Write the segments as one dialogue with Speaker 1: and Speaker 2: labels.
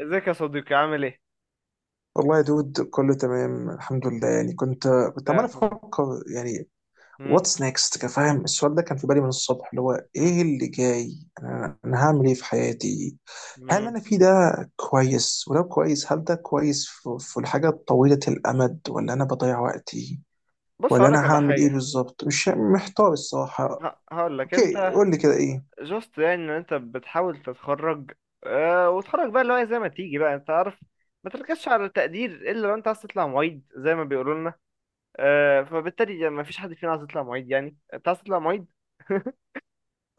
Speaker 1: ازيك يا صديقي عامل ايه؟
Speaker 2: والله يا دود، كله تمام الحمد لله. يعني كنت
Speaker 1: الله
Speaker 2: عمال
Speaker 1: يرحمه.
Speaker 2: افكر، يعني
Speaker 1: مم؟
Speaker 2: واتس نيكست، كفاهم. السؤال ده كان في بالي من الصبح، اللي هو
Speaker 1: مم؟
Speaker 2: ايه اللي جاي. انا هعمل ايه في حياتي؟ هل اللي
Speaker 1: مم.
Speaker 2: انا في ده كويس؟ ولو كويس، هل ده كويس في الحاجه طويله الامد، ولا انا بضيع وقتي؟
Speaker 1: بص
Speaker 2: ولا انا
Speaker 1: هقولك على
Speaker 2: هعمل
Speaker 1: حاجة.
Speaker 2: ايه بالظبط؟ مش محتار الصراحه.
Speaker 1: هقولك
Speaker 2: اوكي،
Speaker 1: انت
Speaker 2: قول لي كده ايه.
Speaker 1: جوست، يعني ان انت بتحاول تتخرج. اه، وتخرج بقى اللي هو زي ما تيجي بقى انت عارف، ما تركزش على التقدير الا لو انت عايز تطلع معيد زي ما بيقولوا لنا. اه، فبالتالي يعني ما فيش حد فينا عايز يطلع معيد، يعني انت عايز تطلع معيد؟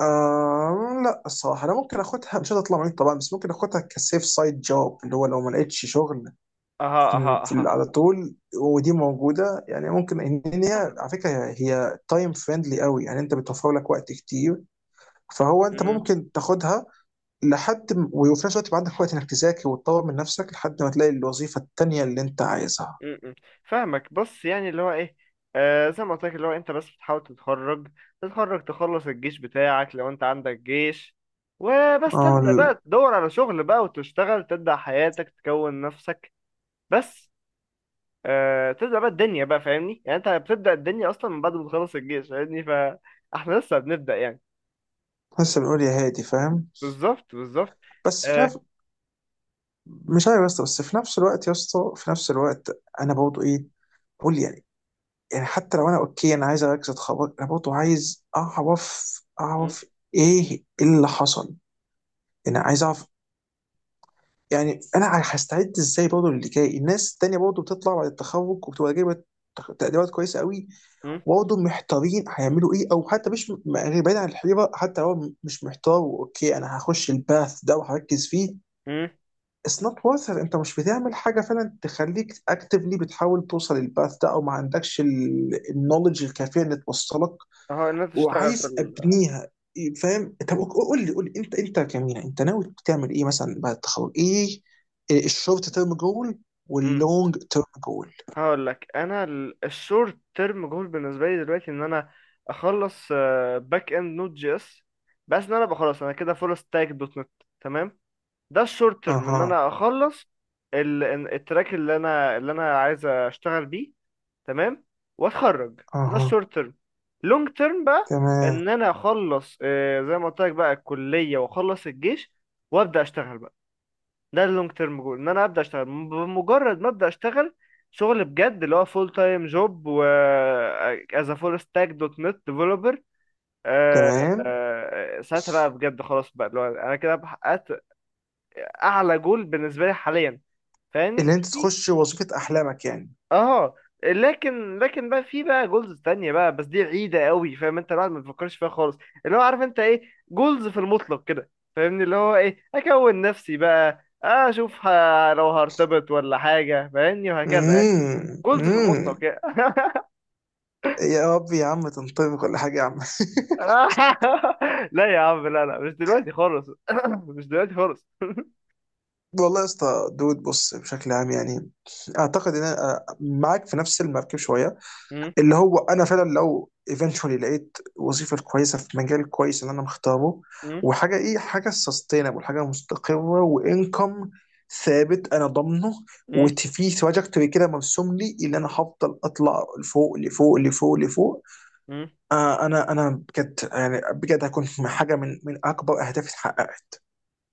Speaker 2: آه لا الصراحه، انا ممكن اخدها. مش هتطلع معاك طبعا، بس ممكن اخدها كسيف سايد جوب، اللي هو لو ما لقيتش شغل
Speaker 1: اها اها اها.
Speaker 2: على طول، ودي موجوده يعني. ممكن ان هي على فكره، هي تايم فريندلي قوي يعني، انت بتوفر لك وقت كتير. فهو انت
Speaker 1: مم.
Speaker 2: ممكن تاخدها وفي نفس الوقت يبقى عندك وقت انك تذاكر وتطور من نفسك، لحد ما تلاقي الوظيفه التانيه اللي انت عايزها.
Speaker 1: م- م. فاهمك. بص يعني اللي هو ايه، زي ما قلت لك اللي هو انت بس بتحاول تتخرج، تتخرج، تخلص الجيش بتاعك لو انت عندك جيش، وبس
Speaker 2: اه
Speaker 1: تبدأ بقى تدور على شغل بقى وتشتغل، تبدأ حياتك، تكون نفسك. بس، تبدأ بقى الدنيا بقى، فاهمني؟ يعني انت بتبدأ الدنيا اصلا من بعد ما تخلص الجيش، فاهمني؟ فاحنا لسه بنبدأ يعني.
Speaker 2: لسه بنقول يا هادي، فاهم.
Speaker 1: بالظبط بالظبط.
Speaker 2: بس في
Speaker 1: آه
Speaker 2: نفس مش عارف يا اسطى. بس في نفس الوقت يا اسطى، في نفس الوقت انا برضه ايه، بقول يعني. يعني حتى لو انا اوكي، انا عايز اركز اتخرج، انا برضه عايز اعرف
Speaker 1: م-
Speaker 2: اعرف ايه اللي حصل. انا عايز اعرف، يعني انا هستعد ازاي برضه للي جاي. الناس التانية برضه بتطلع بعد التخرج وبتبقى جايبه تقديرات كويسه قوي،
Speaker 1: م-
Speaker 2: وبرضه محتارين هيعملوا ايه. او حتى مش م- يعني بعيد عن الحيره، حتى لو مش محتار، اوكي انا هخش الباث ده وهركز فيه.
Speaker 1: م.
Speaker 2: اتس نوت worth it. انت مش بتعمل حاجه فعلا تخليك اكتفلي، بتحاول توصل للباث ده، او ما عندكش النولج الكافيه اللي توصلك
Speaker 1: اهو ان انت تشتغل في
Speaker 2: وعايز
Speaker 1: ال...
Speaker 2: ابنيها، فاهم؟ طب قول لي انت كمينا، انت ناوي تعمل ايه مثلا بعد التخرج؟ ايه الشورت تيرم جول
Speaker 1: م.
Speaker 2: واللونج تيرم جول؟
Speaker 1: هقول لك انا، الشورت تيرم جول بالنسبه لي دلوقتي ان انا اخلص باك اند نوت جي اس، بس ان انا أبقى خلاص، انا كده فول ستاك دوت نت، تمام؟ ده الشورت تيرم، ان
Speaker 2: اها،
Speaker 1: انا اخلص التراك اللي انا عايز اشتغل بيه، تمام؟ واتخرج. ده
Speaker 2: اها.
Speaker 1: الشورت تيرم. لونج تيرم بقى،
Speaker 2: تمام،
Speaker 1: ان انا اخلص، زي ما قلت لك بقى، الكليه واخلص الجيش وابدا اشتغل بقى. ده اللونج تيرم جول، ان انا ابدا اشتغل بمجرد ما ابدا اشتغل شغل بجد اللي هو فول تايم جوب، و از فول ستاك دوت نت ديفلوبر.
Speaker 2: تمام.
Speaker 1: ساعتها بقى بجد خلاص بقى اللي هو انا كده بحققت اعلى جول بالنسبه لي حاليا، فاهمني؟
Speaker 2: اللي انت تخش وظيفة احلامك يعني.
Speaker 1: اه. لكن بقى في بقى جولز تانية بقى، بس دي بعيدة قوي، فاهم؟ انت الواحد ما بيفكرش فيها خالص. اللي هو عارف انت ايه، جولز في المطلق كده، فاهمني؟ اللي هو ايه، اكون نفسي بقى اشوف لو هرتبط ولا حاجة، فاهمني؟ وهكذا يعني،
Speaker 2: امم،
Speaker 1: جولز في
Speaker 2: امم.
Speaker 1: المطلق يعني.
Speaker 2: يا رب يا عم تنطبق كل حاجة يا عم.
Speaker 1: لا يا عم، لا لا، مش دلوقتي خالص. مش دلوقتي خالص.
Speaker 2: والله يا اسطى دود، بص بشكل عام يعني اعتقد ان انا معاك في نفس المركب شوية.
Speaker 1: مم،
Speaker 2: اللي هو انا فعلا لو ايفينشولي لقيت وظيفه كويسه في مجال كويس اللي انا مختاره،
Speaker 1: مم،
Speaker 2: وحاجه ايه، حاجه سستينبل، حاجه مستقره وانكم ثابت انا ضامنه،
Speaker 1: مم،
Speaker 2: وفي تراجكتوري كده مرسوم لي، اللي انا هفضل اطلع لفوق لفوق لفوق لفوق.
Speaker 1: مم.
Speaker 2: انا بجد يعني، بجد هكون حاجه من اكبر اهدافي اتحققت.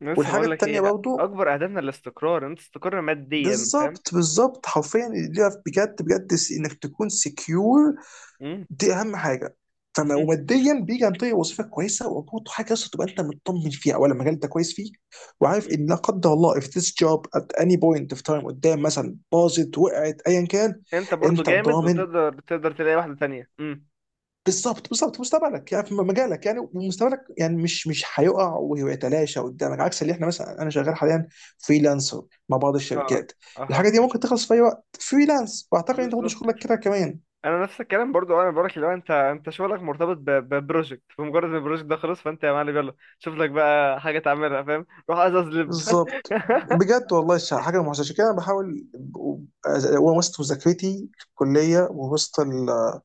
Speaker 1: لسه
Speaker 2: والحاجه
Speaker 1: بقول لك
Speaker 2: التانيه
Speaker 1: ايه،
Speaker 2: برضو،
Speaker 1: اكبر اهدافنا الاستقرار، إن انت تستقر ماديا، فاهم؟
Speaker 2: بالظبط بالظبط، حرفيا اللي ليها، بجد بجد، انك تكون سكيور.
Speaker 1: مم،
Speaker 2: دي اهم حاجه. فما
Speaker 1: مم.
Speaker 2: وماديا بيجي عن طريق وظيفه كويسه، وبرضه حاجه اصلا تبقى انت مطمن فيها، اولا المجال انت كويس فيه. وعارف ان لا قدر الله if this job at any point of time قدام، مثلا باظت وقعت ايا كان،
Speaker 1: انت برضو
Speaker 2: انت
Speaker 1: جامد،
Speaker 2: ضامن.
Speaker 1: وتقدر تقدر تلاقي واحده تانية.
Speaker 2: بالظبط بالظبط، مستقبلك يعني في مجالك يعني، ومستقبلك يعني مش هيقع ويتلاشى قدامك، عكس اللي احنا مثلا. انا شغال حاليا فريلانسر مع بعض
Speaker 1: اها
Speaker 2: الشركات.
Speaker 1: اها.
Speaker 2: الحاجه دي ممكن تخلص في اي وقت فريلانس، واعتقد انت برضه
Speaker 1: بالظبط.
Speaker 2: شغلك كده كمان.
Speaker 1: انا نفس الكلام برضو، انا بقولك لو انت شغلك مرتبط ببروجكت، فمجرد ان البروجكت ده خلص فانت يا معلم يلا شوف لك بقى حاجه تعملها، فاهم؟ روح ازاز لب.
Speaker 2: بالظبط. بجد والله، حاجه محزنه، عشان كده انا بحاول وسط مذاكرتي في الكليه،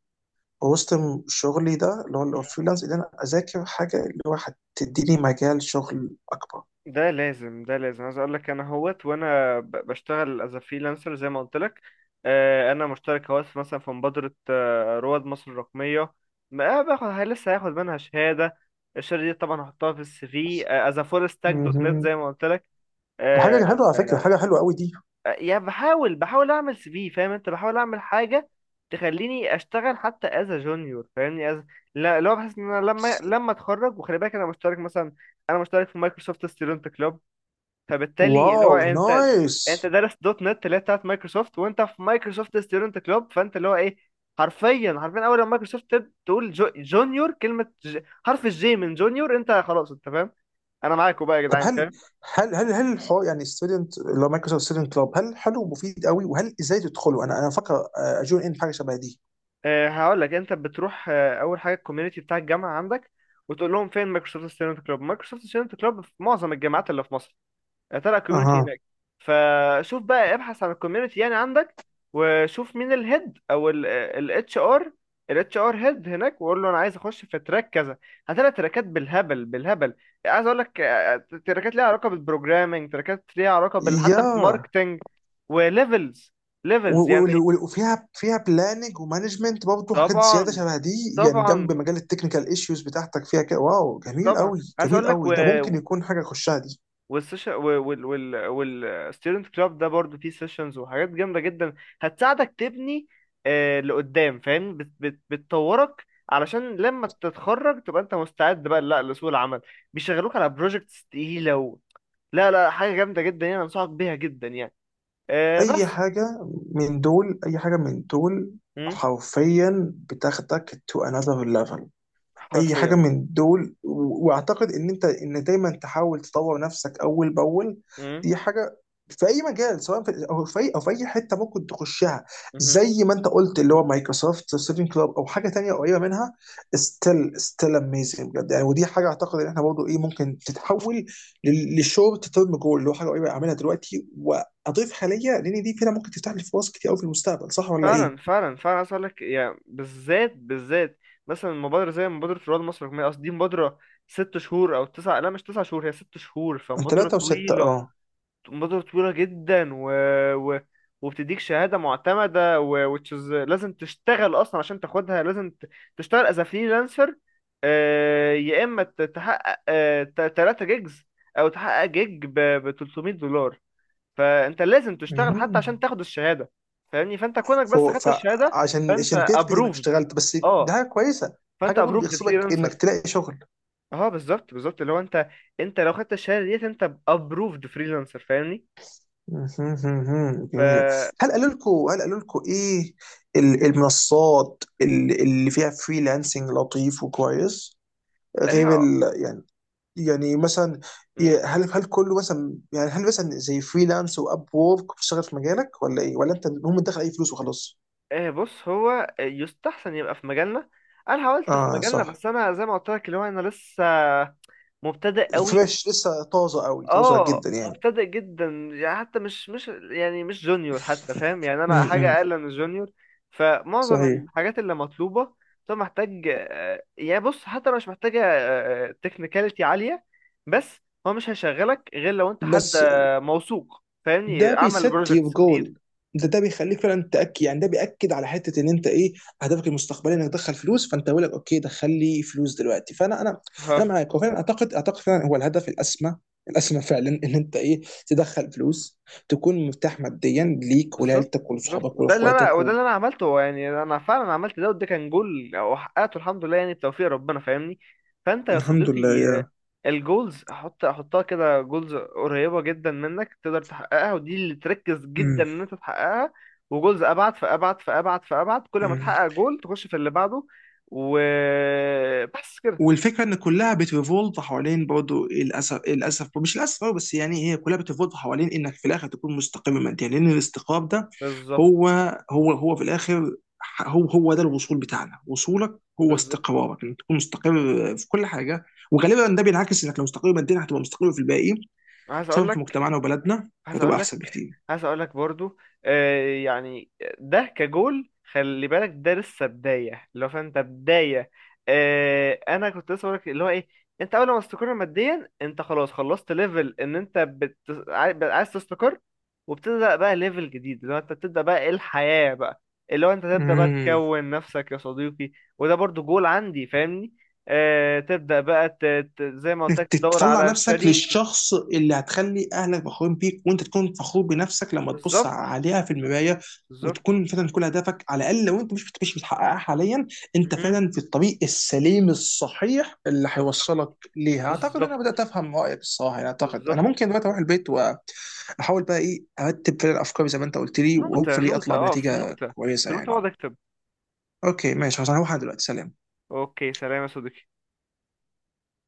Speaker 2: ووسط شغلي ده اللي هو فريلانس، ان انا اذاكر حاجه اللي هو هتديني مجال شغل اكبر.
Speaker 1: ده لازم، ده لازم. عايز اقول لك، انا هوت وانا بشتغل از فريلانسر زي ما قلت لك. انا مشترك هوت مثلا في مبادره، رواد مصر الرقميه، ما باخد لسه هاخد منها شهاده. الشهاده دي طبعا هحطها في السي في از فول ستاك دوت نت
Speaker 2: مهم.
Speaker 1: زي ما قلت لك.
Speaker 2: دي
Speaker 1: آه،
Speaker 2: حاجه حلوه على فكره، حاجه حلوه قوي دي.
Speaker 1: يعني بحاول، اعمل سي في، فاهم انت؟ بحاول اعمل حاجه تخليني اشتغل حتى از جونيور، فاهمني؟ از... لا، اللي هو بحس ان انا لما اتخرج، وخلي بالك انا مشترك مثلا، انا مشترك في مايكروسوفت ستودنت كلوب، فبالتالي اللي هو
Speaker 2: واو
Speaker 1: انت،
Speaker 2: نايس.
Speaker 1: انت دارس دوت نت اللي هي بتاعت مايكروسوفت، وانت في مايكروسوفت ستودنت كلوب، فانت اللي هو ايه، حرفيا حرفيا، اول لما مايكروسوفت تقول جو جونيور كلمه ج... حرف الجي من جونيور، انت خلاص، انت فاهم، انا معاكوا بقى يا
Speaker 2: طب
Speaker 1: جدعان،
Speaker 2: هل
Speaker 1: فاهم؟
Speaker 2: هل هل هل الحوار يعني ستودنت، اللي هو مايكروسوفت ستودنت كلاب، هل حلو ومفيد قوي؟ وهل ازاي تدخله؟ انا فاكر اجون ان حاجه شبه دي.
Speaker 1: أه، هقول لك انت بتروح. أه، اول حاجه الكوميونتي بتاع الجامعه عندك، وتقول لهم فين مايكروسوفت ستودنت كلوب. مايكروسوفت ستودنت كلوب في معظم الجامعات اللي في مصر، طلع كوميونتي
Speaker 2: اها.
Speaker 1: هناك. فشوف بقى، ابحث عن الكوميونتي يعني عندك، وشوف مين الهيد او الاتش ار، الاتش ار هيد هناك، وقول له انا عايز اخش في تراك كذا. هتلاقي تراكات بالهبل بالهبل. عايز اقول لك، تراكات ليها علاقه بالبروجرامنج، تراكات ليها علاقه بال، حتى
Speaker 2: يا
Speaker 1: بالماركتنج، وليفلز، ليفلز يعني.
Speaker 2: وفيها بلاننج ومانجمنت، برضه حاجات زياده
Speaker 1: طبعا
Speaker 2: شبه دي. يعني
Speaker 1: طبعا
Speaker 2: جنب مجال التكنيكال ايشوز بتاعتك فيها كده. واو جميل
Speaker 1: طبعا.
Speaker 2: قوي،
Speaker 1: عايز
Speaker 2: جميل
Speaker 1: اقول لك،
Speaker 2: قوي. ده ممكن يكون حاجه اخشها دي.
Speaker 1: والسيشن والستودنت كلاب ده برضو فيه سيشنز وحاجات جامده جدا، هتساعدك تبني لقدام، فاهم؟ بت بت بتطورك علشان لما تتخرج تبقى انت مستعد بقى لا، لسوق العمل، بيشغلوك على بروجكتس تقيله و... لا لا، حاجه جامده جدا يعني، انصحك بيها جدا يعني.
Speaker 2: اي
Speaker 1: بس.
Speaker 2: حاجه من دول، اي حاجه من دول
Speaker 1: مم.
Speaker 2: حرفيا بتاخدك تو انذر ليفل. اي حاجه
Speaker 1: حرفيا.
Speaker 2: من دول. واعتقد ان انت دايما تحاول تطور نفسك اول باول.
Speaker 1: مم.
Speaker 2: دي حاجه في اي مجال، سواء في او في اي او في اي حته ممكن تخشها. زي ما انت قلت، اللي هو مايكروسوفت سيفين كلاب او حاجه تانية قريبه منها. ستيل اميزنج بجد يعني. ودي حاجه اعتقد ان احنا برضه ايه ممكن تتحول للشورت تيرم جول، اللي هو حاجه قريبه اعملها دلوقتي واضيف حاليا، لان دي فينا ممكن تفتح لي فرص كتير قوي في المستقبل. صح ولا
Speaker 1: فعلا
Speaker 2: ايه؟
Speaker 1: فعلا فعلا. عايز اقول لك يعني، بالذات بالذات، مثلا مبادره زي مبادره رواد مصر الرقميه، قصدي دي مبادره 6 شهور او تسع، لا، مش 9 شهور، هي 6 شهور.
Speaker 2: من
Speaker 1: فمبادره
Speaker 2: ثلاثه وسته، اه.
Speaker 1: طويله، مبادره طويله جدا، و... و... وبتديك شهاده معتمده، و... which is لازم تشتغل اصلا عشان تاخدها، لازم ت... تشتغل از فريلانسر. يا اما تحقق 3 جيجز، او تحقق جيج ب $300. فانت لازم تشتغل حتى عشان
Speaker 2: مم.
Speaker 1: تاخد الشهاده، فاهمني؟ فانت كونك بس خدت الشهاده،
Speaker 2: فعشان
Speaker 1: فانت
Speaker 2: عشان تثبت انك
Speaker 1: ابروفد.
Speaker 2: اشتغلت، بس
Speaker 1: اه،
Speaker 2: ده حاجه كويسه،
Speaker 1: فانت
Speaker 2: حاجه برضه
Speaker 1: ابروفد
Speaker 2: بيغصبك
Speaker 1: فريلانسر.
Speaker 2: انك تلاقي شغل.
Speaker 1: اه. بالظبط بالظبط، اللي هو انت، انت لو خدت الشهاده ديت انت ابروفد فريلانسر، فاهمني؟
Speaker 2: مهم.
Speaker 1: ف...
Speaker 2: جميله. هل قالوا لكم ايه المنصات اللي فيها فريلانسنج لطيف وكويس، غير
Speaker 1: إيه...
Speaker 2: ال يعني. يعني مثلا،
Speaker 1: م-
Speaker 2: هل كله مثلا يعني، هل مثلا زي فريلانس واب وورك بتشتغل في مجالك، ولا ايه؟ ولا انت هم دخل اي فلوس وخلاص؟
Speaker 1: إيه، بص، هو يستحسن يبقى في مجالنا. انا حاولت في
Speaker 2: اه
Speaker 1: مجالنا
Speaker 2: صح.
Speaker 1: بس انا زي ما قلت لك اللي هو انا لسه مبتدئ قوي.
Speaker 2: فريش لسه، طازه قوي، طازه
Speaker 1: اه،
Speaker 2: جدا يعني.
Speaker 1: مبتدئ جدا. يعني حتى مش يعني مش جونيور حتى، فاهم يعني؟ انا حاجه
Speaker 2: امم،
Speaker 1: اقل من الجونيور. فمعظم
Speaker 2: صحيح.
Speaker 1: الحاجات اللي مطلوبه، طب محتاج يعني بص، حتى لو مش محتاجه تكنيكاليتي عاليه، بس هو مش هيشغلك غير لو انت حد
Speaker 2: بس
Speaker 1: موثوق، فاهمني؟
Speaker 2: ده
Speaker 1: عمل
Speaker 2: بيست يور
Speaker 1: بروجكتس كتير.
Speaker 2: جول. ده بيخليك فعلا تاكد يعني، ده بياكد على حته، ان انت ايه، اهدافك المستقبليه انك تدخل فلوس. فانت بيقول لك اوكي، دخل لي فلوس دلوقتي، فانا انا
Speaker 1: ها.
Speaker 2: انا معاك. وفعلا اعتقد فعلا هو الهدف الاسمى، الاسمى فعلا، ان انت ايه، تدخل فلوس، تكون مرتاح ماديا ليك
Speaker 1: بالظبط
Speaker 2: ولعيلتك
Speaker 1: بالظبط.
Speaker 2: ولصحابك ولاخواتك
Speaker 1: وده
Speaker 2: و...
Speaker 1: اللي انا عملته، هو يعني انا فعلا عملت ده، وده كان جول او حققته الحمد لله، يعني بتوفيق ربنا، فاهمني؟ فانت يا
Speaker 2: الحمد
Speaker 1: صديقي،
Speaker 2: لله
Speaker 1: آه،
Speaker 2: يا.
Speaker 1: الجولز حطها كده، جولز قريبه جدا منك تقدر تحققها، ودي اللي تركز جدا
Speaker 2: مم.
Speaker 1: ان انت تحققها، وجولز ابعد فابعد فابعد فابعد، كل ما
Speaker 2: مم.
Speaker 1: تحقق جول تخش في اللي بعده، وبس كده.
Speaker 2: والفكره ان كلها بتريفولت حوالين، برضه للاسف للاسف، مش للاسف أوي، بس يعني هي كلها بتريفولت حوالين انك في الاخر تكون مستقر ماديا، لان الاستقرار ده
Speaker 1: بالظبط
Speaker 2: هو هو في الاخر هو ده الوصول بتاعنا، وصولك هو
Speaker 1: بالظبط.
Speaker 2: استقرارك، انك تكون مستقر في كل حاجه. وغالبا ده بينعكس انك لو مستقر ماديا هتبقى مستقر في الباقي،
Speaker 1: عايز اقول
Speaker 2: خصوصا في
Speaker 1: لك
Speaker 2: مجتمعنا وبلدنا
Speaker 1: عايز
Speaker 2: فهتبقى
Speaker 1: اقول لك
Speaker 2: احسن بكتير.
Speaker 1: عايز اقول لك برضو، يعني، ده كجول خلي بالك، ده لسه بدايه، اللي هو فانت بدايه. انا كنت لسه بقول لك اللي هو ايه، انت اول ما تستقر ماديا انت خلاص خلصت ليفل، ان انت بت... بقى عايز تستقر، وبتبدا بقى ليفل جديد، اللي هو انت بتبدا بقى ايه، الحياه بقى، اللي هو انت تبدا بقى
Speaker 2: مم.
Speaker 1: تكون نفسك يا صديقي. وده برضو جول عندي، فاهمني؟ تبدا بقى ت... زي ما قلت
Speaker 2: انك
Speaker 1: لك، تدور
Speaker 2: تطلع
Speaker 1: على
Speaker 2: نفسك
Speaker 1: شريك.
Speaker 2: للشخص اللي هتخلي اهلك فخورين بيك، وانت تكون فخور بنفسك لما تبص
Speaker 1: بالظبط
Speaker 2: عليها في المرايه،
Speaker 1: بالظبط
Speaker 2: وتكون فعلا كل هدفك. على الاقل لو انت مش بتحققها حاليا، انت فعلا في الطريق السليم الصحيح اللي
Speaker 1: بالظبط
Speaker 2: هيوصلك ليها. اعتقد ان
Speaker 1: بالظبط
Speaker 2: انا بدات افهم رايك الصراحه يعني. اعتقد انا
Speaker 1: بالظبط.
Speaker 2: ممكن دلوقتي اروح البيت، واحاول بقى ايه ارتب فعلا افكاري زي ما انت قلت لي،
Speaker 1: نوتة
Speaker 2: وهوبفلي
Speaker 1: نوتة،
Speaker 2: اطلع
Speaker 1: اه، في
Speaker 2: بنتيجه
Speaker 1: نوتة،
Speaker 2: كويسه
Speaker 1: في نوتة
Speaker 2: يعني.
Speaker 1: اقعد اكتب.
Speaker 2: اوكي ماشي خلاص، انا هروح. أنا دلوقتي سلام.
Speaker 1: اوكي، سلام يا صديقي.